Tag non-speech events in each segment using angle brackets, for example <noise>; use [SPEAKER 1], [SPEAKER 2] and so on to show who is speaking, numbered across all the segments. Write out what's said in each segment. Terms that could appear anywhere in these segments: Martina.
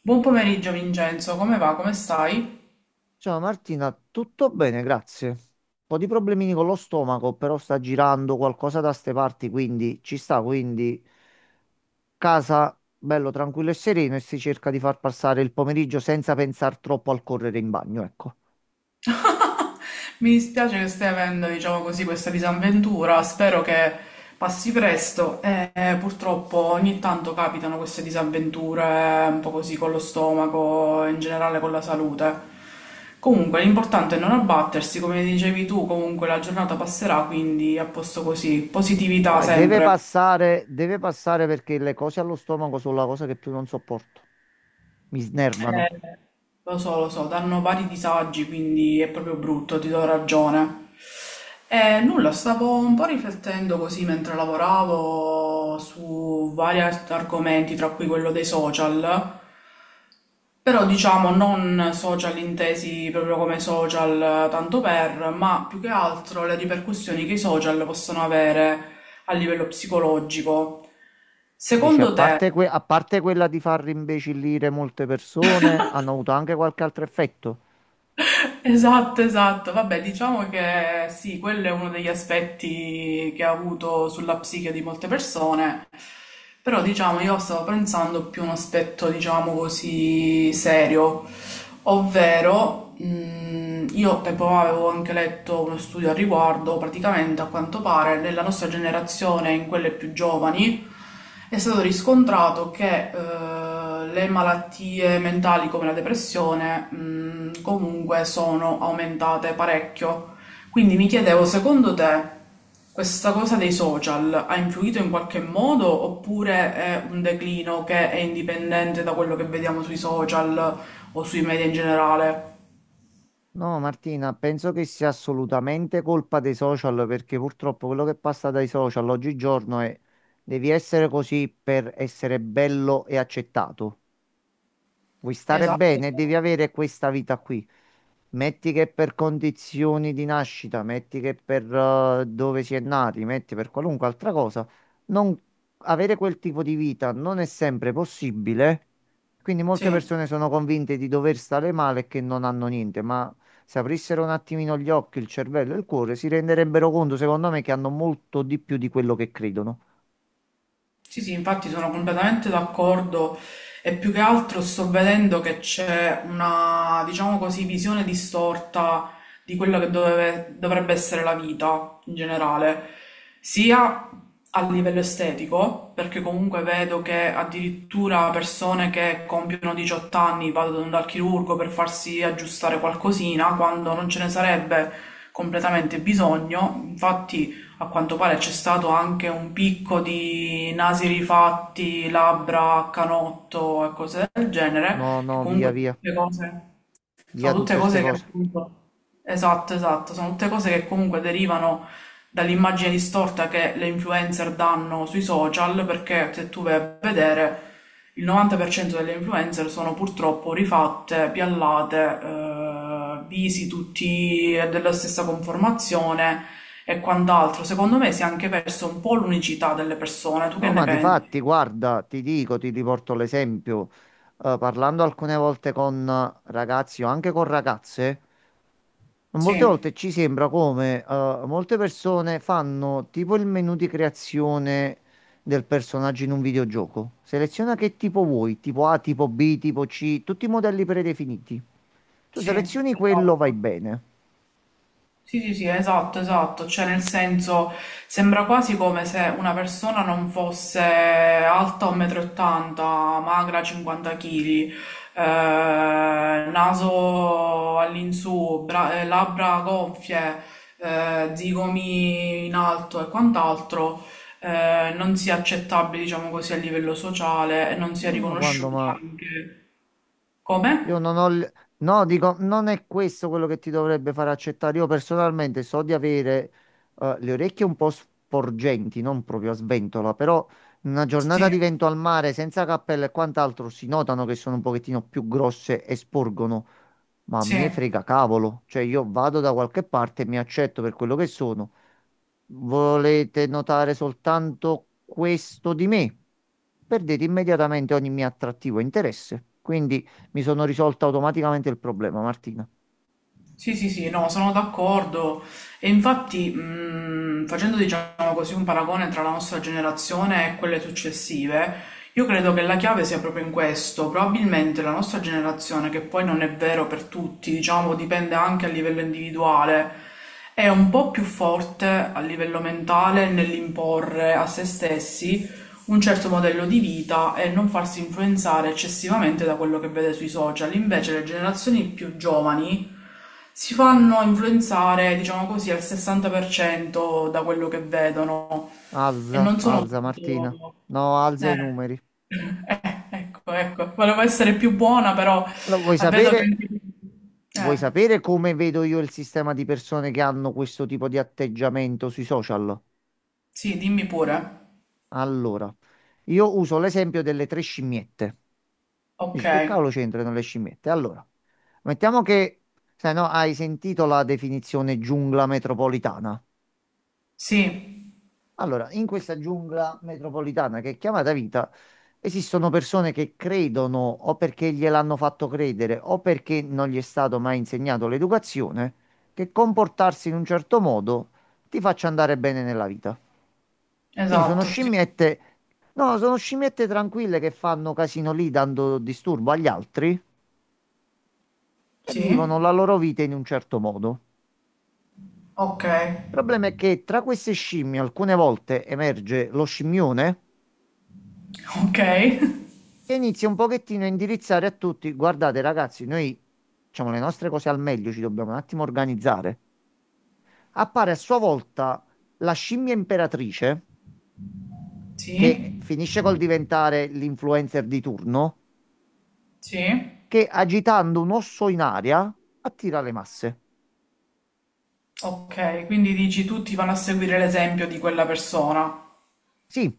[SPEAKER 1] Buon pomeriggio Vincenzo, come va? Come stai?
[SPEAKER 2] Ciao Martina, tutto bene, grazie. Un po' di problemini con lo stomaco, però sta girando qualcosa da ste parti, quindi ci sta, quindi casa bello tranquillo e sereno e si cerca di far passare il pomeriggio senza pensare troppo al correre in bagno, ecco.
[SPEAKER 1] Mi dispiace che stai avendo, diciamo così, questa disavventura, spero che passi presto e purtroppo ogni tanto capitano queste disavventure un po' così con lo stomaco, in generale con la salute. Comunque l'importante è non abbattersi, come dicevi tu, comunque la giornata passerà, quindi a posto così,
[SPEAKER 2] No,
[SPEAKER 1] positività
[SPEAKER 2] e
[SPEAKER 1] sempre.
[SPEAKER 2] deve passare perché le cose allo stomaco sono la cosa che più non sopporto. Mi snervano.
[SPEAKER 1] Eh, Lo so, lo so, danno vari disagi, quindi è proprio brutto, ti do ragione. E nulla, stavo un po' riflettendo così mentre lavoravo su vari argomenti, tra cui quello dei social, però diciamo non social intesi proprio come social tanto per, ma più che altro le ripercussioni che i social possono avere a livello psicologico.
[SPEAKER 2] Dice, a
[SPEAKER 1] Secondo te.
[SPEAKER 2] parte, a parte quella di far rimbecillire molte persone, hanno avuto anche qualche altro effetto.
[SPEAKER 1] Esatto, esatto. Vabbè, diciamo che sì, quello è uno degli aspetti che ha avuto sulla psiche di molte persone, però diciamo io stavo pensando più a un aspetto, diciamo così, serio. Ovvero, io tempo fa avevo anche letto uno studio al riguardo, praticamente a quanto pare nella nostra generazione, in quelle più giovani, è stato riscontrato che le malattie mentali come la depressione, comunque sono aumentate parecchio. Quindi mi chiedevo, secondo te, questa cosa dei social ha influito in qualche modo oppure è un declino che è indipendente da quello che vediamo sui social o sui media in generale?
[SPEAKER 2] No, Martina, penso che sia assolutamente colpa dei social perché purtroppo quello che passa dai social oggigiorno è devi essere così per essere bello e accettato. Vuoi stare
[SPEAKER 1] Esatto,
[SPEAKER 2] bene, devi
[SPEAKER 1] esatto.
[SPEAKER 2] avere questa vita qui. Metti che per condizioni di nascita, metti che per dove si è nati, metti per qualunque altra cosa, non avere quel tipo di vita non è sempre possibile. Quindi molte
[SPEAKER 1] Sì.
[SPEAKER 2] persone sono convinte di dover stare male e che non hanno niente, ma se aprissero un attimino gli occhi, il cervello e il cuore, si renderebbero conto, secondo me, che hanno molto di più di quello che credono.
[SPEAKER 1] Sì, sì, infatti sono completamente d'accordo e più che altro sto vedendo che c'è una, diciamo così, visione distorta di quello che dovrebbe essere la vita in generale, sia a livello estetico, perché comunque vedo che addirittura persone che compiono 18 anni vanno dal chirurgo per farsi aggiustare qualcosina quando non ce ne sarebbe completamente bisogno. Infatti, a quanto pare c'è stato anche un picco di nasi rifatti, labbra a canotto e cose del genere,
[SPEAKER 2] No,
[SPEAKER 1] che
[SPEAKER 2] no, via,
[SPEAKER 1] comunque
[SPEAKER 2] via,
[SPEAKER 1] tutte cose.
[SPEAKER 2] via
[SPEAKER 1] Sono tutte
[SPEAKER 2] tutte queste
[SPEAKER 1] cose che
[SPEAKER 2] cose.
[SPEAKER 1] appunto. Esatto, esatto, sono tutte cose che comunque derivano dall'immagine distorta che le influencer danno sui social, perché se tu vai a vedere il 90% delle influencer sono purtroppo rifatte, piallate, visi tutti della stessa conformazione e quant'altro. Secondo me si è anche perso un po' l'unicità delle persone, tu che
[SPEAKER 2] No,
[SPEAKER 1] ne
[SPEAKER 2] ma di
[SPEAKER 1] pensi?
[SPEAKER 2] fatti, guarda, ti dico, ti riporto l'esempio. Parlando alcune volte con ragazzi o anche con ragazze, molte
[SPEAKER 1] Sì,
[SPEAKER 2] volte ci sembra come molte persone fanno tipo il menu di creazione del personaggio in un videogioco. Seleziona che tipo vuoi, tipo A, tipo B, tipo C, tutti i modelli predefiniti. Tu
[SPEAKER 1] sì,
[SPEAKER 2] selezioni quello, vai
[SPEAKER 1] esatto.
[SPEAKER 2] bene.
[SPEAKER 1] Sì, sì, sì, esatto, esatto, cioè nel senso sembra quasi come se una persona non fosse alta 1,80 m, magra 50 kg, naso all'insù, labbra gonfie, zigomi in alto e quant'altro, non sia accettabile, diciamo così, a livello sociale e non sia
[SPEAKER 2] Ma quando,
[SPEAKER 1] riconosciuta
[SPEAKER 2] ma
[SPEAKER 1] anche come?
[SPEAKER 2] Io non ho... No, dico, non è questo quello che ti dovrebbe far accettare. Io personalmente so di avere le orecchie un po' sporgenti, non proprio a sventola, però in una giornata di
[SPEAKER 1] Sì,
[SPEAKER 2] vento al mare, senza cappello e quant'altro, si notano che sono un pochettino più grosse e sporgono. Ma a me
[SPEAKER 1] sì.
[SPEAKER 2] frega cavolo. Cioè, io vado da qualche parte e mi accetto per quello che sono. Volete notare soltanto questo di me? Perdete immediatamente ogni mio attrattivo e interesse. Quindi... Mi sono risolto automaticamente il problema, Martina.
[SPEAKER 1] Sì, sì, sì, no, sono d'accordo. E infatti, facendo diciamo così un paragone tra la nostra generazione e quelle successive, io credo che la chiave sia proprio in questo. Probabilmente la nostra generazione, che poi non è vero per tutti, diciamo, dipende anche a livello individuale, è un po' più forte a livello mentale nell'imporre a se stessi un certo modello di vita e non farsi influenzare eccessivamente da quello che vede sui social. Invece le generazioni più giovani si fanno influenzare, diciamo così, al 60% da quello che vedono e
[SPEAKER 2] Alza,
[SPEAKER 1] non sono
[SPEAKER 2] alza, Martina.
[SPEAKER 1] tutto.
[SPEAKER 2] No, alza i
[SPEAKER 1] Eh,
[SPEAKER 2] numeri.
[SPEAKER 1] ecco, ecco, volevo essere più buona, però
[SPEAKER 2] No,
[SPEAKER 1] vedo che.
[SPEAKER 2] vuoi
[SPEAKER 1] Eh,
[SPEAKER 2] sapere come vedo io il sistema di persone che hanno questo tipo di atteggiamento sui social?
[SPEAKER 1] sì, dimmi pure.
[SPEAKER 2] Allora, io uso l'esempio delle tre scimmiette.
[SPEAKER 1] Ok,
[SPEAKER 2] Dici, che cavolo c'entrano le scimmiette? Allora, mettiamo che, se no, hai sentito la definizione giungla metropolitana.
[SPEAKER 1] sì,
[SPEAKER 2] Allora, in questa giungla metropolitana che è chiamata vita, esistono persone che credono o perché gliel'hanno fatto credere o perché non gli è stato mai insegnato l'educazione, che comportarsi in un certo modo ti faccia andare bene nella vita. Quindi sono
[SPEAKER 1] esatto, sì,
[SPEAKER 2] scimmiette, no, sono scimmiette tranquille che fanno casino lì dando disturbo agli altri e
[SPEAKER 1] sì,
[SPEAKER 2] vivono la loro vita in un certo modo.
[SPEAKER 1] ok,
[SPEAKER 2] Il problema è che tra queste scimmie alcune volte emerge lo scimmione
[SPEAKER 1] ok,
[SPEAKER 2] che inizi un pochettino a indirizzare a tutti. Guardate, ragazzi, noi facciamo le nostre cose al meglio, ci dobbiamo un attimo organizzare. Appare a sua volta la scimmia imperatrice,
[SPEAKER 1] <laughs>
[SPEAKER 2] che
[SPEAKER 1] sì.
[SPEAKER 2] finisce col diventare l'influencer di turno,
[SPEAKER 1] Sì.
[SPEAKER 2] che agitando un osso in aria attira le masse.
[SPEAKER 1] Okay, quindi dici tutti vanno a seguire l'esempio di quella persona.
[SPEAKER 2] Sì,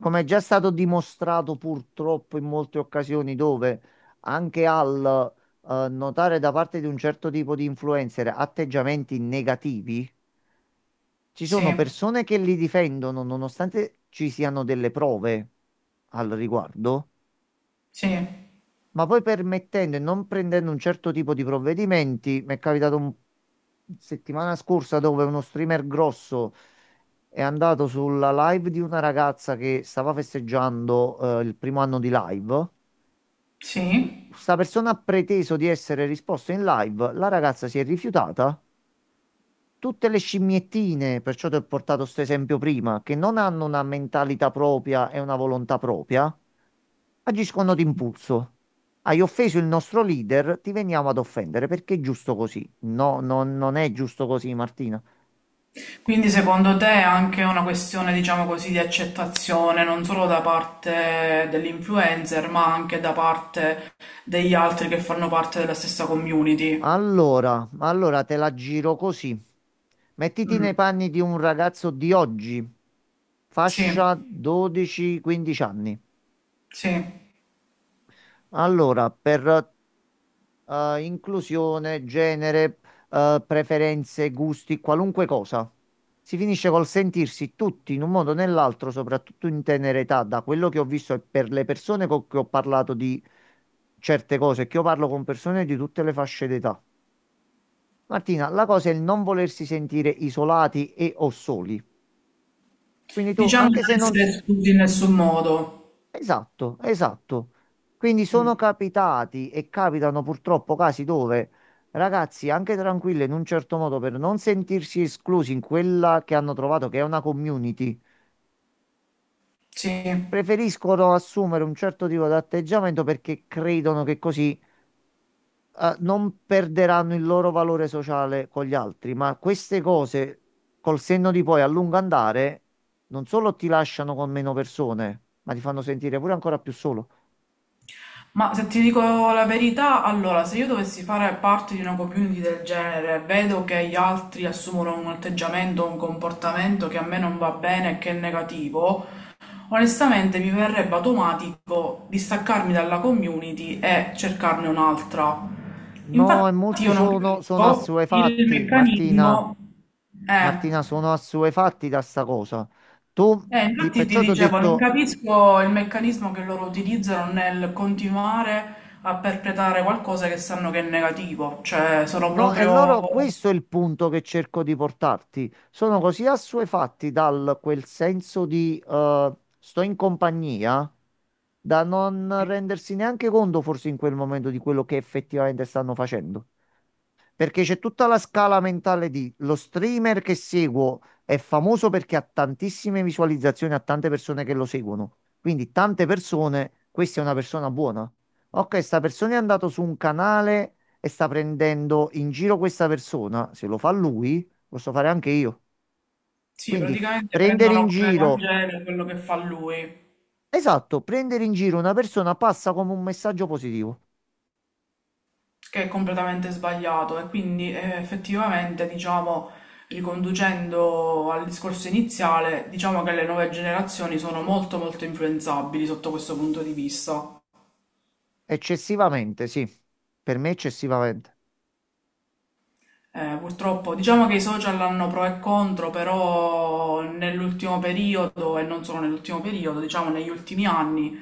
[SPEAKER 2] come è già stato dimostrato purtroppo in molte occasioni dove anche al notare da parte di un certo tipo di influencer atteggiamenti negativi. Ci
[SPEAKER 1] Sì,
[SPEAKER 2] sono persone che li difendono nonostante ci siano delle prove al riguardo,
[SPEAKER 1] sì,
[SPEAKER 2] ma poi permettendo e non prendendo un certo tipo di provvedimenti, mi è capitato un settimana scorsa dove uno streamer grosso è andato sulla live di una ragazza che stava festeggiando il primo anno di live.
[SPEAKER 1] sì.
[SPEAKER 2] Questa persona ha preteso di essere risposta in live, la ragazza si è rifiutata tutte le scimmiettine, perciò ti ho portato questo esempio prima, che non hanno una mentalità propria e una volontà propria, agiscono d'impulso. Hai offeso il nostro leader, ti veniamo ad offendere perché è giusto così. No, no, non è giusto così, Martina.
[SPEAKER 1] Quindi secondo te è anche una questione, diciamo così, di accettazione non solo da parte dell'influencer, ma anche da parte degli altri che fanno parte della stessa community.
[SPEAKER 2] Allora, allora te la giro così. Mettiti
[SPEAKER 1] Mm,
[SPEAKER 2] nei panni di un ragazzo di oggi,
[SPEAKER 1] sì,
[SPEAKER 2] fascia 12-15 anni.
[SPEAKER 1] sì.
[SPEAKER 2] Allora, per inclusione, genere, preferenze, gusti, qualunque cosa. Si finisce col sentirsi tutti in un modo o nell'altro, soprattutto in tenera età, da quello che ho visto e per le persone con cui ho parlato di certe cose, che io parlo con persone di tutte le fasce d'età. Martina, la cosa è il non volersi sentire isolati e o soli. Quindi tu,
[SPEAKER 1] Diciamo di
[SPEAKER 2] anche
[SPEAKER 1] non
[SPEAKER 2] se non,
[SPEAKER 1] essere esclusi in nessun modo.
[SPEAKER 2] esatto, esatto. Quindi
[SPEAKER 1] Mm,
[SPEAKER 2] sono capitati e capitano purtroppo casi dove ragazzi, anche tranquilli in un certo modo, per non sentirsi esclusi in quella che hanno trovato che è una community,
[SPEAKER 1] sì.
[SPEAKER 2] preferiscono assumere un certo tipo di atteggiamento perché credono che così, non perderanno il loro valore sociale con gli altri. Ma queste cose, col senno di poi a lungo andare, non solo ti lasciano con meno persone, ma ti fanno sentire pure ancora più solo.
[SPEAKER 1] Ma se ti dico la verità, allora, se io dovessi fare parte di una community del genere, vedo che gli altri assumono un atteggiamento, un comportamento che a me non va bene e che è negativo, onestamente mi verrebbe automatico distaccarmi dalla community e cercarne un'altra.
[SPEAKER 2] No, e
[SPEAKER 1] Infatti
[SPEAKER 2] molti
[SPEAKER 1] io non
[SPEAKER 2] sono
[SPEAKER 1] capisco il
[SPEAKER 2] assuefatti, Martina.
[SPEAKER 1] meccanismo. Eh.
[SPEAKER 2] Martina, sono assuefatti da sta cosa. Tu,
[SPEAKER 1] Infatti ti
[SPEAKER 2] perciò ti ho
[SPEAKER 1] dicevo, non
[SPEAKER 2] detto,
[SPEAKER 1] capisco il meccanismo che loro utilizzano nel continuare a perpetrare qualcosa che sanno che è negativo, cioè sono
[SPEAKER 2] no, e
[SPEAKER 1] proprio,
[SPEAKER 2] loro, questo è il punto che cerco di portarti. Sono così assuefatti dal quel senso di sto in compagnia, da non rendersi neanche conto, forse in quel momento, di quello che effettivamente stanno facendo. Perché c'è tutta la scala mentale di lo streamer che seguo è famoso perché ha tantissime visualizzazioni, ha tante persone che lo seguono. Quindi tante persone, questa è una persona buona. Ok, sta persona è andato su un canale e sta prendendo in giro questa persona. Se lo fa lui, posso fare anche io.
[SPEAKER 1] sì,
[SPEAKER 2] Quindi
[SPEAKER 1] praticamente
[SPEAKER 2] prendere in
[SPEAKER 1] prendono come
[SPEAKER 2] giro,
[SPEAKER 1] Vangelo quello che fa lui,
[SPEAKER 2] esatto, prendere in giro una persona passa come un messaggio positivo.
[SPEAKER 1] che è completamente sbagliato e quindi effettivamente, diciamo, riconducendo al discorso iniziale, diciamo che le nuove generazioni sono molto molto influenzabili sotto questo punto di vista.
[SPEAKER 2] Eccessivamente, sì. Per me eccessivamente.
[SPEAKER 1] Purtroppo, diciamo che i social hanno pro e contro, però nell'ultimo periodo, e non solo nell'ultimo periodo, diciamo negli ultimi anni,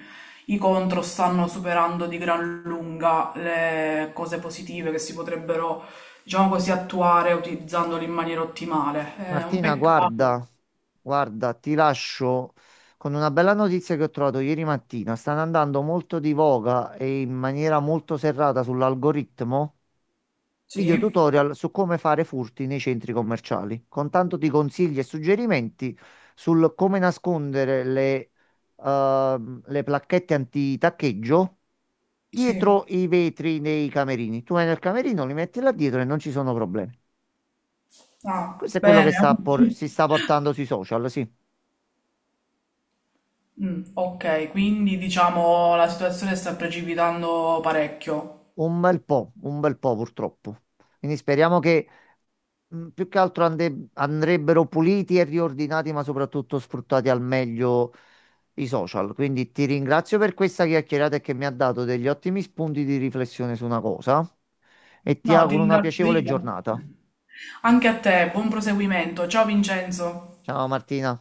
[SPEAKER 1] i contro stanno superando di gran lunga le cose positive che si potrebbero, diciamo così, attuare utilizzandoli in maniera ottimale. È un
[SPEAKER 2] Martina,
[SPEAKER 1] peccato.
[SPEAKER 2] guarda, guarda, ti lascio con una bella notizia che ho trovato ieri mattina. Stanno andando molto di voga e in maniera molto serrata sull'algoritmo video
[SPEAKER 1] Sì,
[SPEAKER 2] tutorial su come fare furti nei centri commerciali, con tanto di consigli e suggerimenti sul come nascondere le placchette antitaccheggio
[SPEAKER 1] sì.
[SPEAKER 2] dietro i vetri nei camerini. Tu vai nel camerino, li metti là dietro e non ci sono problemi.
[SPEAKER 1] Ah,
[SPEAKER 2] Questo è quello che
[SPEAKER 1] bene.
[SPEAKER 2] si sta portando sui social, sì.
[SPEAKER 1] Mm, ok, quindi diciamo la situazione sta precipitando parecchio.
[SPEAKER 2] Un bel po' purtroppo. Quindi speriamo che più che altro andrebbero puliti e riordinati, ma soprattutto sfruttati al meglio i social. Quindi ti ringrazio per questa chiacchierata e che mi ha dato degli ottimi spunti di riflessione su una cosa e ti
[SPEAKER 1] No, ti
[SPEAKER 2] auguro una
[SPEAKER 1] ringrazio
[SPEAKER 2] piacevole
[SPEAKER 1] io.
[SPEAKER 2] giornata.
[SPEAKER 1] Anche a te, buon proseguimento. Ciao Vincenzo.
[SPEAKER 2] Ciao Martina.